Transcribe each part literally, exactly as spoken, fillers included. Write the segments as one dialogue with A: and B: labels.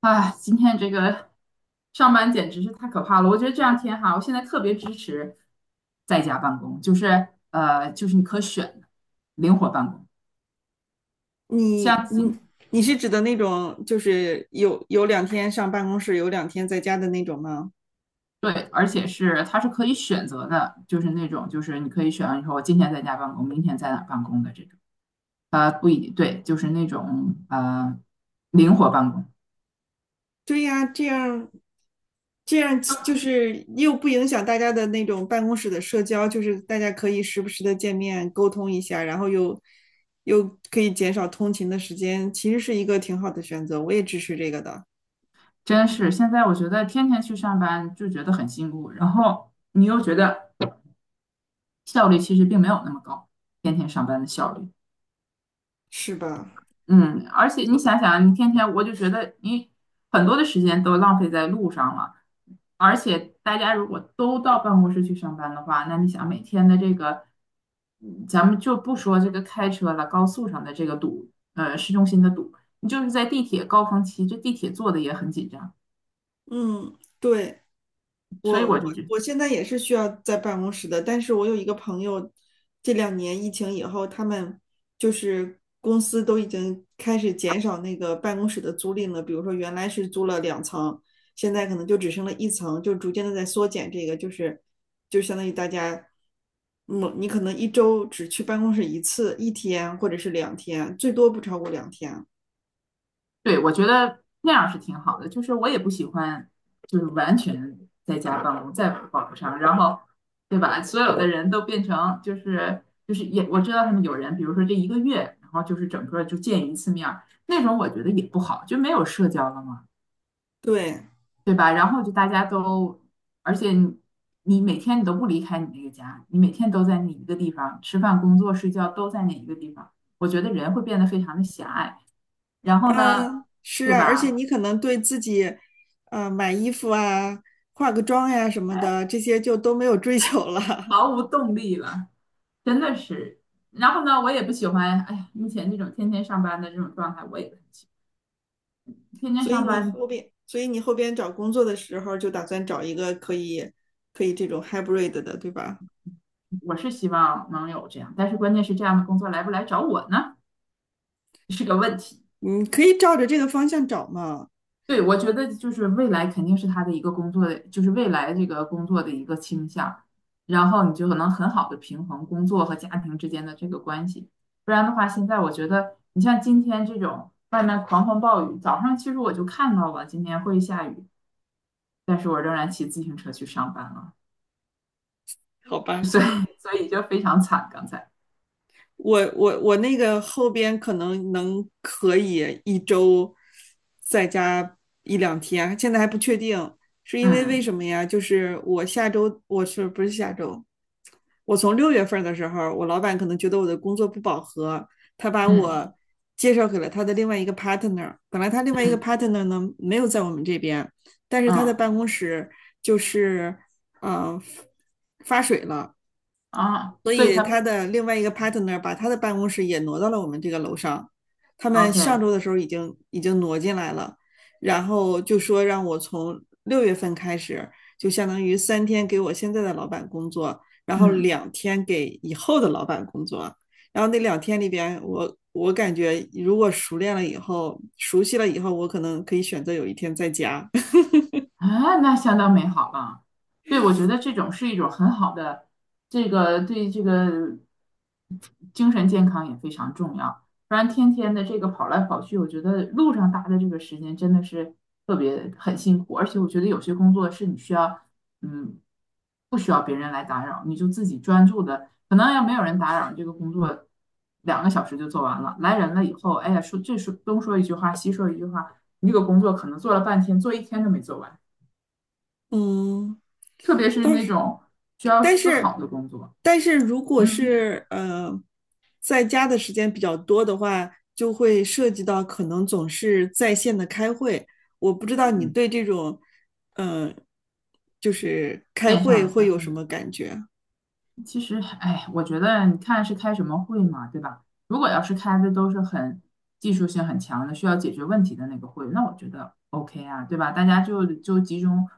A: 啊，今天这个上班简直是太可怕了！我觉得这两天哈，我现在特别支持在家办公，就是呃，就是你可选的灵活办公，
B: 你
A: 像
B: 你
A: 今
B: 你是指的那种，就是有有两天上办公室，有两天在家的那种吗？
A: 对，而且是它是可以选择的，就是那种就是你可以选，你说我今天在家办公，明天在哪儿办公的这种，呃，不一定对，就是那种呃灵活办公。
B: 对呀，这样这样
A: 就
B: 就是又不影响大家的那种办公室的社交，就是大家可以时不时的见面沟通一下，然后又又可以减少通勤的时间，其实是一个挺好的选择，我也支持这个的，
A: 真是现在我觉得天天去上班就觉得很辛苦，然后你又觉得效率其实并没有那么高，天天上班的效率。
B: 是吧？
A: 嗯，而且你想想啊，你天天我就觉得你很多的时间都浪费在路上了，而且大家如果都到办公室去上班的话，那你想每天的这个，嗯咱们就不说这个开车了，高速上的这个堵，呃，市中心的堵，你就是在地铁高峰期，这地铁坐的也很紧张，
B: 嗯，对。
A: 所以
B: 我
A: 我
B: 我
A: 就觉
B: 我现在也是需要在办公室的，但是我有一个朋友，这两年疫情以后，他们就是公司都已经开始减少那个办公室的租赁了，比如说原来是租了两层，现在可能就只剩了一层，就逐渐的在缩减这个，就是就相当于大家，嗯，你可能一周只去办公室一次，一天或者是两天，最多不超过两天，
A: 对，我觉得那样是挺好的。就是我也不喜欢，就是完全在家办公，在网不上，然后，对吧？所有的人都变成就是就是也，我知道他们有人，比如说这一个月，然后就是整个就见一次面儿那种我觉得也不好，就没有社交了嘛，
B: 对。
A: 对吧？然后就大家都，而且你你每天你都不离开你那个家，你每天都在那一个地方吃饭、工作、睡觉都在那一个地方，我觉得人会变得非常的狭隘。然后呢，
B: 啊，是
A: 对
B: 啊，而且
A: 吧？
B: 你可能对自己，呃，买衣服啊、化个妆呀、什么
A: 哎，
B: 的，这些就都没有追求了。
A: 毫无动力了，真的是。然后呢，我也不喜欢，哎呀，目前这种天天上班的这种状态，我也不很喜欢。天 天
B: 所以
A: 上
B: 你
A: 班，
B: 后边，所以你后边找工作的时候，就打算找一个可以可以这种 hybrid 的，对吧？
A: 我是希望能有这样，但是关键是这样的工作来不来找我呢，是个问题。
B: 你可以照着这个方向找嘛。
A: 对，我觉得就是未来肯定是他的一个工作的，就是未来这个工作的一个倾向，然后你就能很好的平衡工作和家庭之间的这个关系。不然的话，现在我觉得你像今天这种外面狂风暴雨，早上其实我就看到了今天会下雨。但是我仍然骑自行车去上班了，
B: 好吧。
A: 所以所以就非常惨。刚才，
B: 我我我那个后边可能能可以一周在家一两天，现在还不确定，是因为为
A: 嗯。
B: 什么呀？就是我下周我是不是下周？我从六月份的时候，我老板可能觉得我的工作不饱和，他把
A: 嗯。
B: 我介绍给了他的另外一个 partner。本来他另外一个
A: 嗯。
B: partner 呢没有在我们这边，但是他的
A: 嗯。
B: 办公室就是嗯、呃发水了，
A: 啊，
B: 所
A: 所以
B: 以
A: 他
B: 他的另外一个 partner 把他的办公室也挪到了我们这个楼上。他们上
A: OK。
B: 周的时候已经已经挪进来了，然后就说让我从六月份开始，就相当于三天给我现在的老板工作，然后
A: 嗯。
B: 两天给以后的老板工作。然后那两天里边，我我感觉如果熟练了以后，熟悉了以后，我可能可以选择有一天在家。
A: 啊，那相当美好了。对，我觉得这种是一种很好的，这个对这个精神健康也非常重要。不然天天的这个跑来跑去，我觉得路上搭的这个时间真的是特别很辛苦。而且我觉得有些工作是你需要，嗯，不需要别人来打扰，你就自己专注的。可能要没有人打扰，这个工作两个小时就做完了。来人了以后，哎呀，说这说东说一句话，西说一句话，你这个工作可能做了半天，做一天都没做完。
B: 嗯。
A: 特别是
B: 但
A: 那
B: 是，
A: 种需要
B: 但
A: 思考
B: 是，
A: 的工作，
B: 但是如果
A: 嗯。
B: 是呃，在家的时间比较多的话，就会涉及到可能总是在线的开会。我不知道你
A: 嗯，
B: 对这种，呃，就是开
A: 线上
B: 会
A: 的才
B: 会有
A: 会。
B: 什么感觉？
A: 其实，哎，我觉得你看是开什么会嘛，对吧？如果要是开的都是很技术性很强的，需要解决问题的那个会，那我觉得 OK 啊，对吧？大家就就集中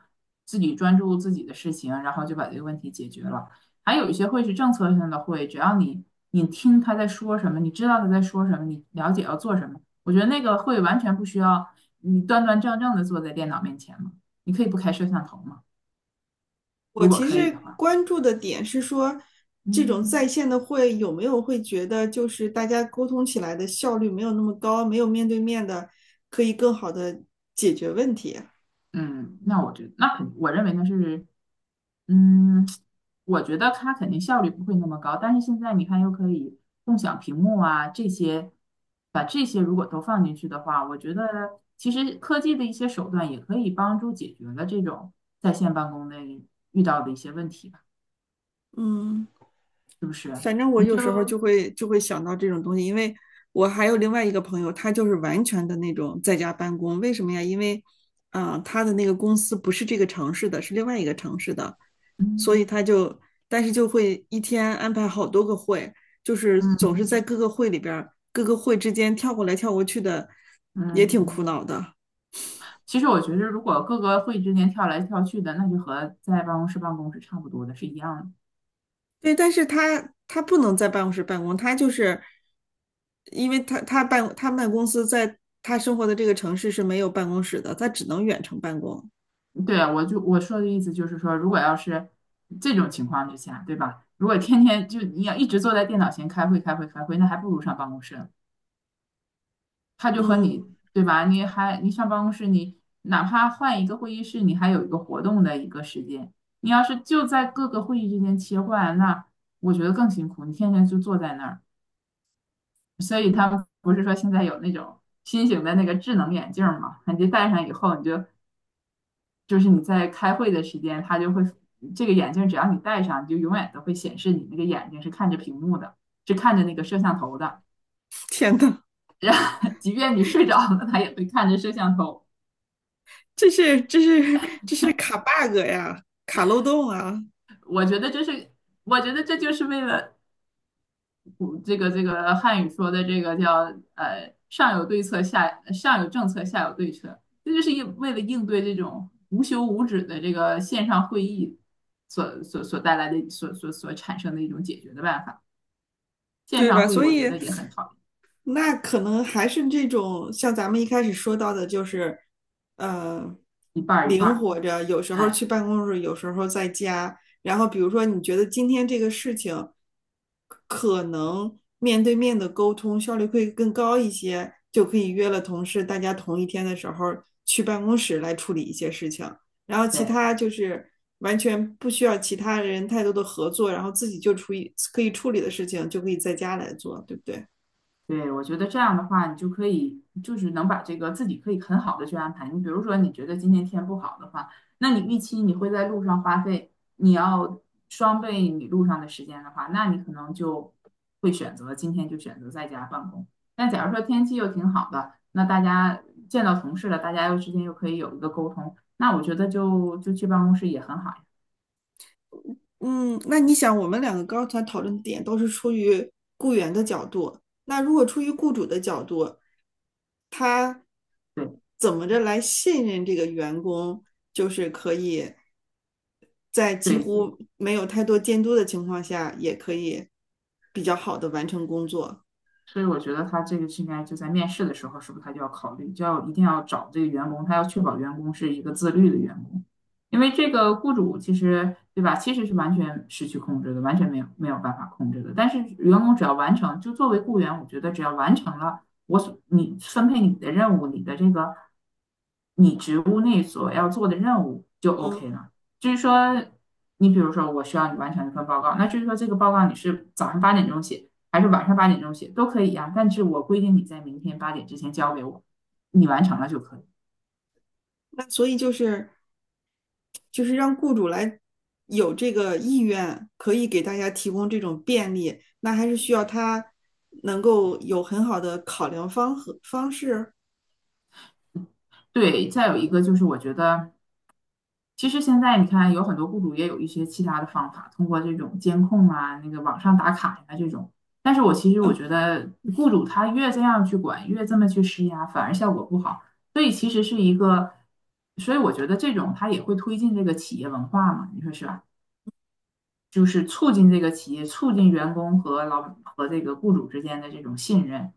A: 自己专注自己的事情，然后就把这个问题解决了。还有一些会是政策性的会，只要你你听他在说什么，你知道他在说什么，你了解要做什么，我觉得那个会完全不需要你端端正正的坐在电脑面前嘛，你可以不开摄像头嘛，
B: 我
A: 如果
B: 其
A: 可以
B: 实
A: 的话，
B: 关注的点是说，这种
A: 嗯。
B: 在线的会有没有会觉得就是大家沟通起来的效率没有那么高，没有面对面的可以更好的解决问题。
A: 嗯，那我觉得，那肯，我认为呢是，嗯，我觉得它肯定效率不会那么高，但是现在你看又可以共享屏幕啊，这些，把这些如果都放进去的话，我觉得其实科技的一些手段也可以帮助解决了这种在线办公的遇到的一些问题吧。
B: 嗯。反正我
A: 你
B: 有
A: 就，
B: 时候就会就会想到这种东西，因为我还有另外一个朋友，他就是完全的那种在家办公。为什么呀？因为，啊、呃他的那个公司不是这个城市的，是另外一个城市的，所
A: 嗯。
B: 以他就，但是就会一天安排好多个会，就是
A: 嗯。
B: 总是在各个会里边各个会之间跳过来跳过去的，也
A: 嗯。
B: 挺苦恼的。
A: 其实我觉得如果各个会议之间跳来跳去的，那就和在办公室办公是差不多的，是一样的。
B: 对，但是他他不能在办公室办公，他就是因为他他办他们公司在他生活的这个城市是没有办公室的，他只能远程办公。
A: 对啊，我就我说的意思就是说，如果要是这种情况之下，对吧？如果天天就你要一直坐在电脑前开会、开会、开会，那还不如上办公室呢。他就和
B: 嗯，
A: 你，对吧？你还你上办公室，你哪怕换一个会议室，你还有一个活动的一个时间。你要是就在各个会议之间切换，那我觉得更辛苦。你天天就坐在那儿，所以他们不是说现在有那种新型的那个智能眼镜儿嘛？你戴上以后，你就就是你在开会的时间，他就会这个眼镜只要你戴上，你就永远都会显示你那个眼睛是看着屏幕的，是看着那个摄像头的。
B: 天呐，
A: 然后即便你睡着了，他也会看着摄像头。
B: 这是这是这是卡 bug 呀，卡漏洞啊！
A: 我觉得这是，我觉得这就是为了这个这个汉语说的这个叫呃上有对策下，上有政策下有对策，这就是应为了应对这种无休无止的这个线上会议所所所带来的所所所产生的一种解决的办法。线
B: 对
A: 上
B: 吧？
A: 会议
B: 所
A: 我
B: 以
A: 觉得也很讨厌，
B: 那可能还是这种像咱们一开始说到的，就是呃，
A: 一半儿一半
B: 灵
A: 儿。
B: 活着，有时候去
A: 哎，
B: 办公室，有时候在家。然后比如说，你觉得今天这个事情可能面对面的沟通效率会更高一些，就可以约了同事，大家同一天的时候去办公室来处理一些事情。然后其
A: 对。
B: 他就是完全不需要其他人太多的合作，然后自己就处理可以处理的事情就可以在家来做，对不对？
A: 对，我觉得这样的话，你就可以就是能把这个自己可以很好的去安排。你比如说，你觉得今天天不好的话，那你预期你会在路上花费，你要双倍你路上的时间的话，那你可能就会选择今天就选择在家办公。那假如说天气又挺好的，那大家见到同事了，大家又之间又可以有一个沟通，那我觉得就就去办公室也很好呀。
B: 嗯，那你想，我们两个刚才讨论的点都是出于雇员的角度，那如果出于雇主的角度，他
A: 对。
B: 怎么着来信任这个员工，就是可以在几
A: 对，
B: 乎没有太多监督的情况下，也可以比较好的完成工作。
A: 所以我觉得他这个是应该就在面试的时候，是不是他就要考虑，就要一定要找这个员工，他要确保员工是一个自律的员工，因为这个雇主其实对吧，其实是完全失去控制的，完全没有没有办法控制的。但是员工只要完成，就作为雇员，我觉得只要完成了我所你分配你的任务，你的这个你职务内所要做的任务就 OK
B: 嗯。
A: 了。就是说，你比如说我需要你完成一份报告，那就是说这个报告你是早上八点钟写。还是晚上八点钟写都可以呀、但是我规定你在明天八点之前交给我，你完成了就可以。
B: 那所以就是就是让雇主来有这个意愿，可以给大家提供这种便利，那还是需要他能够有很好的考量方和方式。
A: 对，再有一个就是我觉得，其实现在你看有很多雇主也有一些其他的方法，通过这种监控啊、那个网上打卡呀、这种。但是我其实我觉
B: 嗯，
A: 得，雇主他越这样去管，越这么去施压，反而效果不好。所以其实是一个，所以我觉得这种他也会推进这个企业文化嘛，你说是吧？就是促进这个企业、促进员工和老和这个雇主之间的这种信任，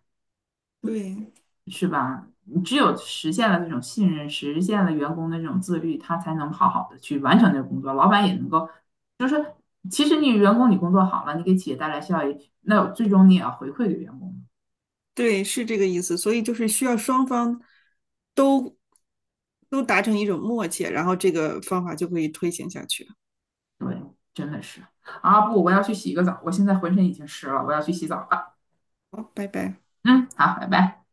B: 对
A: 是吧？你只有实现了这种信任，实现了员工的这种自律，他才能好好的去完成这个工作，老板也能够。其实你员工你工作好了，你给企业带来效益，那最终你也要回馈给员工。
B: 对，是这个意思。所以就是需要双方都都达成一种默契，然后这个方法就可以推行下去。
A: 对，真的是啊，不，我要去洗个澡，我现在浑身已经湿了，我要去洗澡了。
B: 好，拜拜。
A: 嗯，好，拜拜。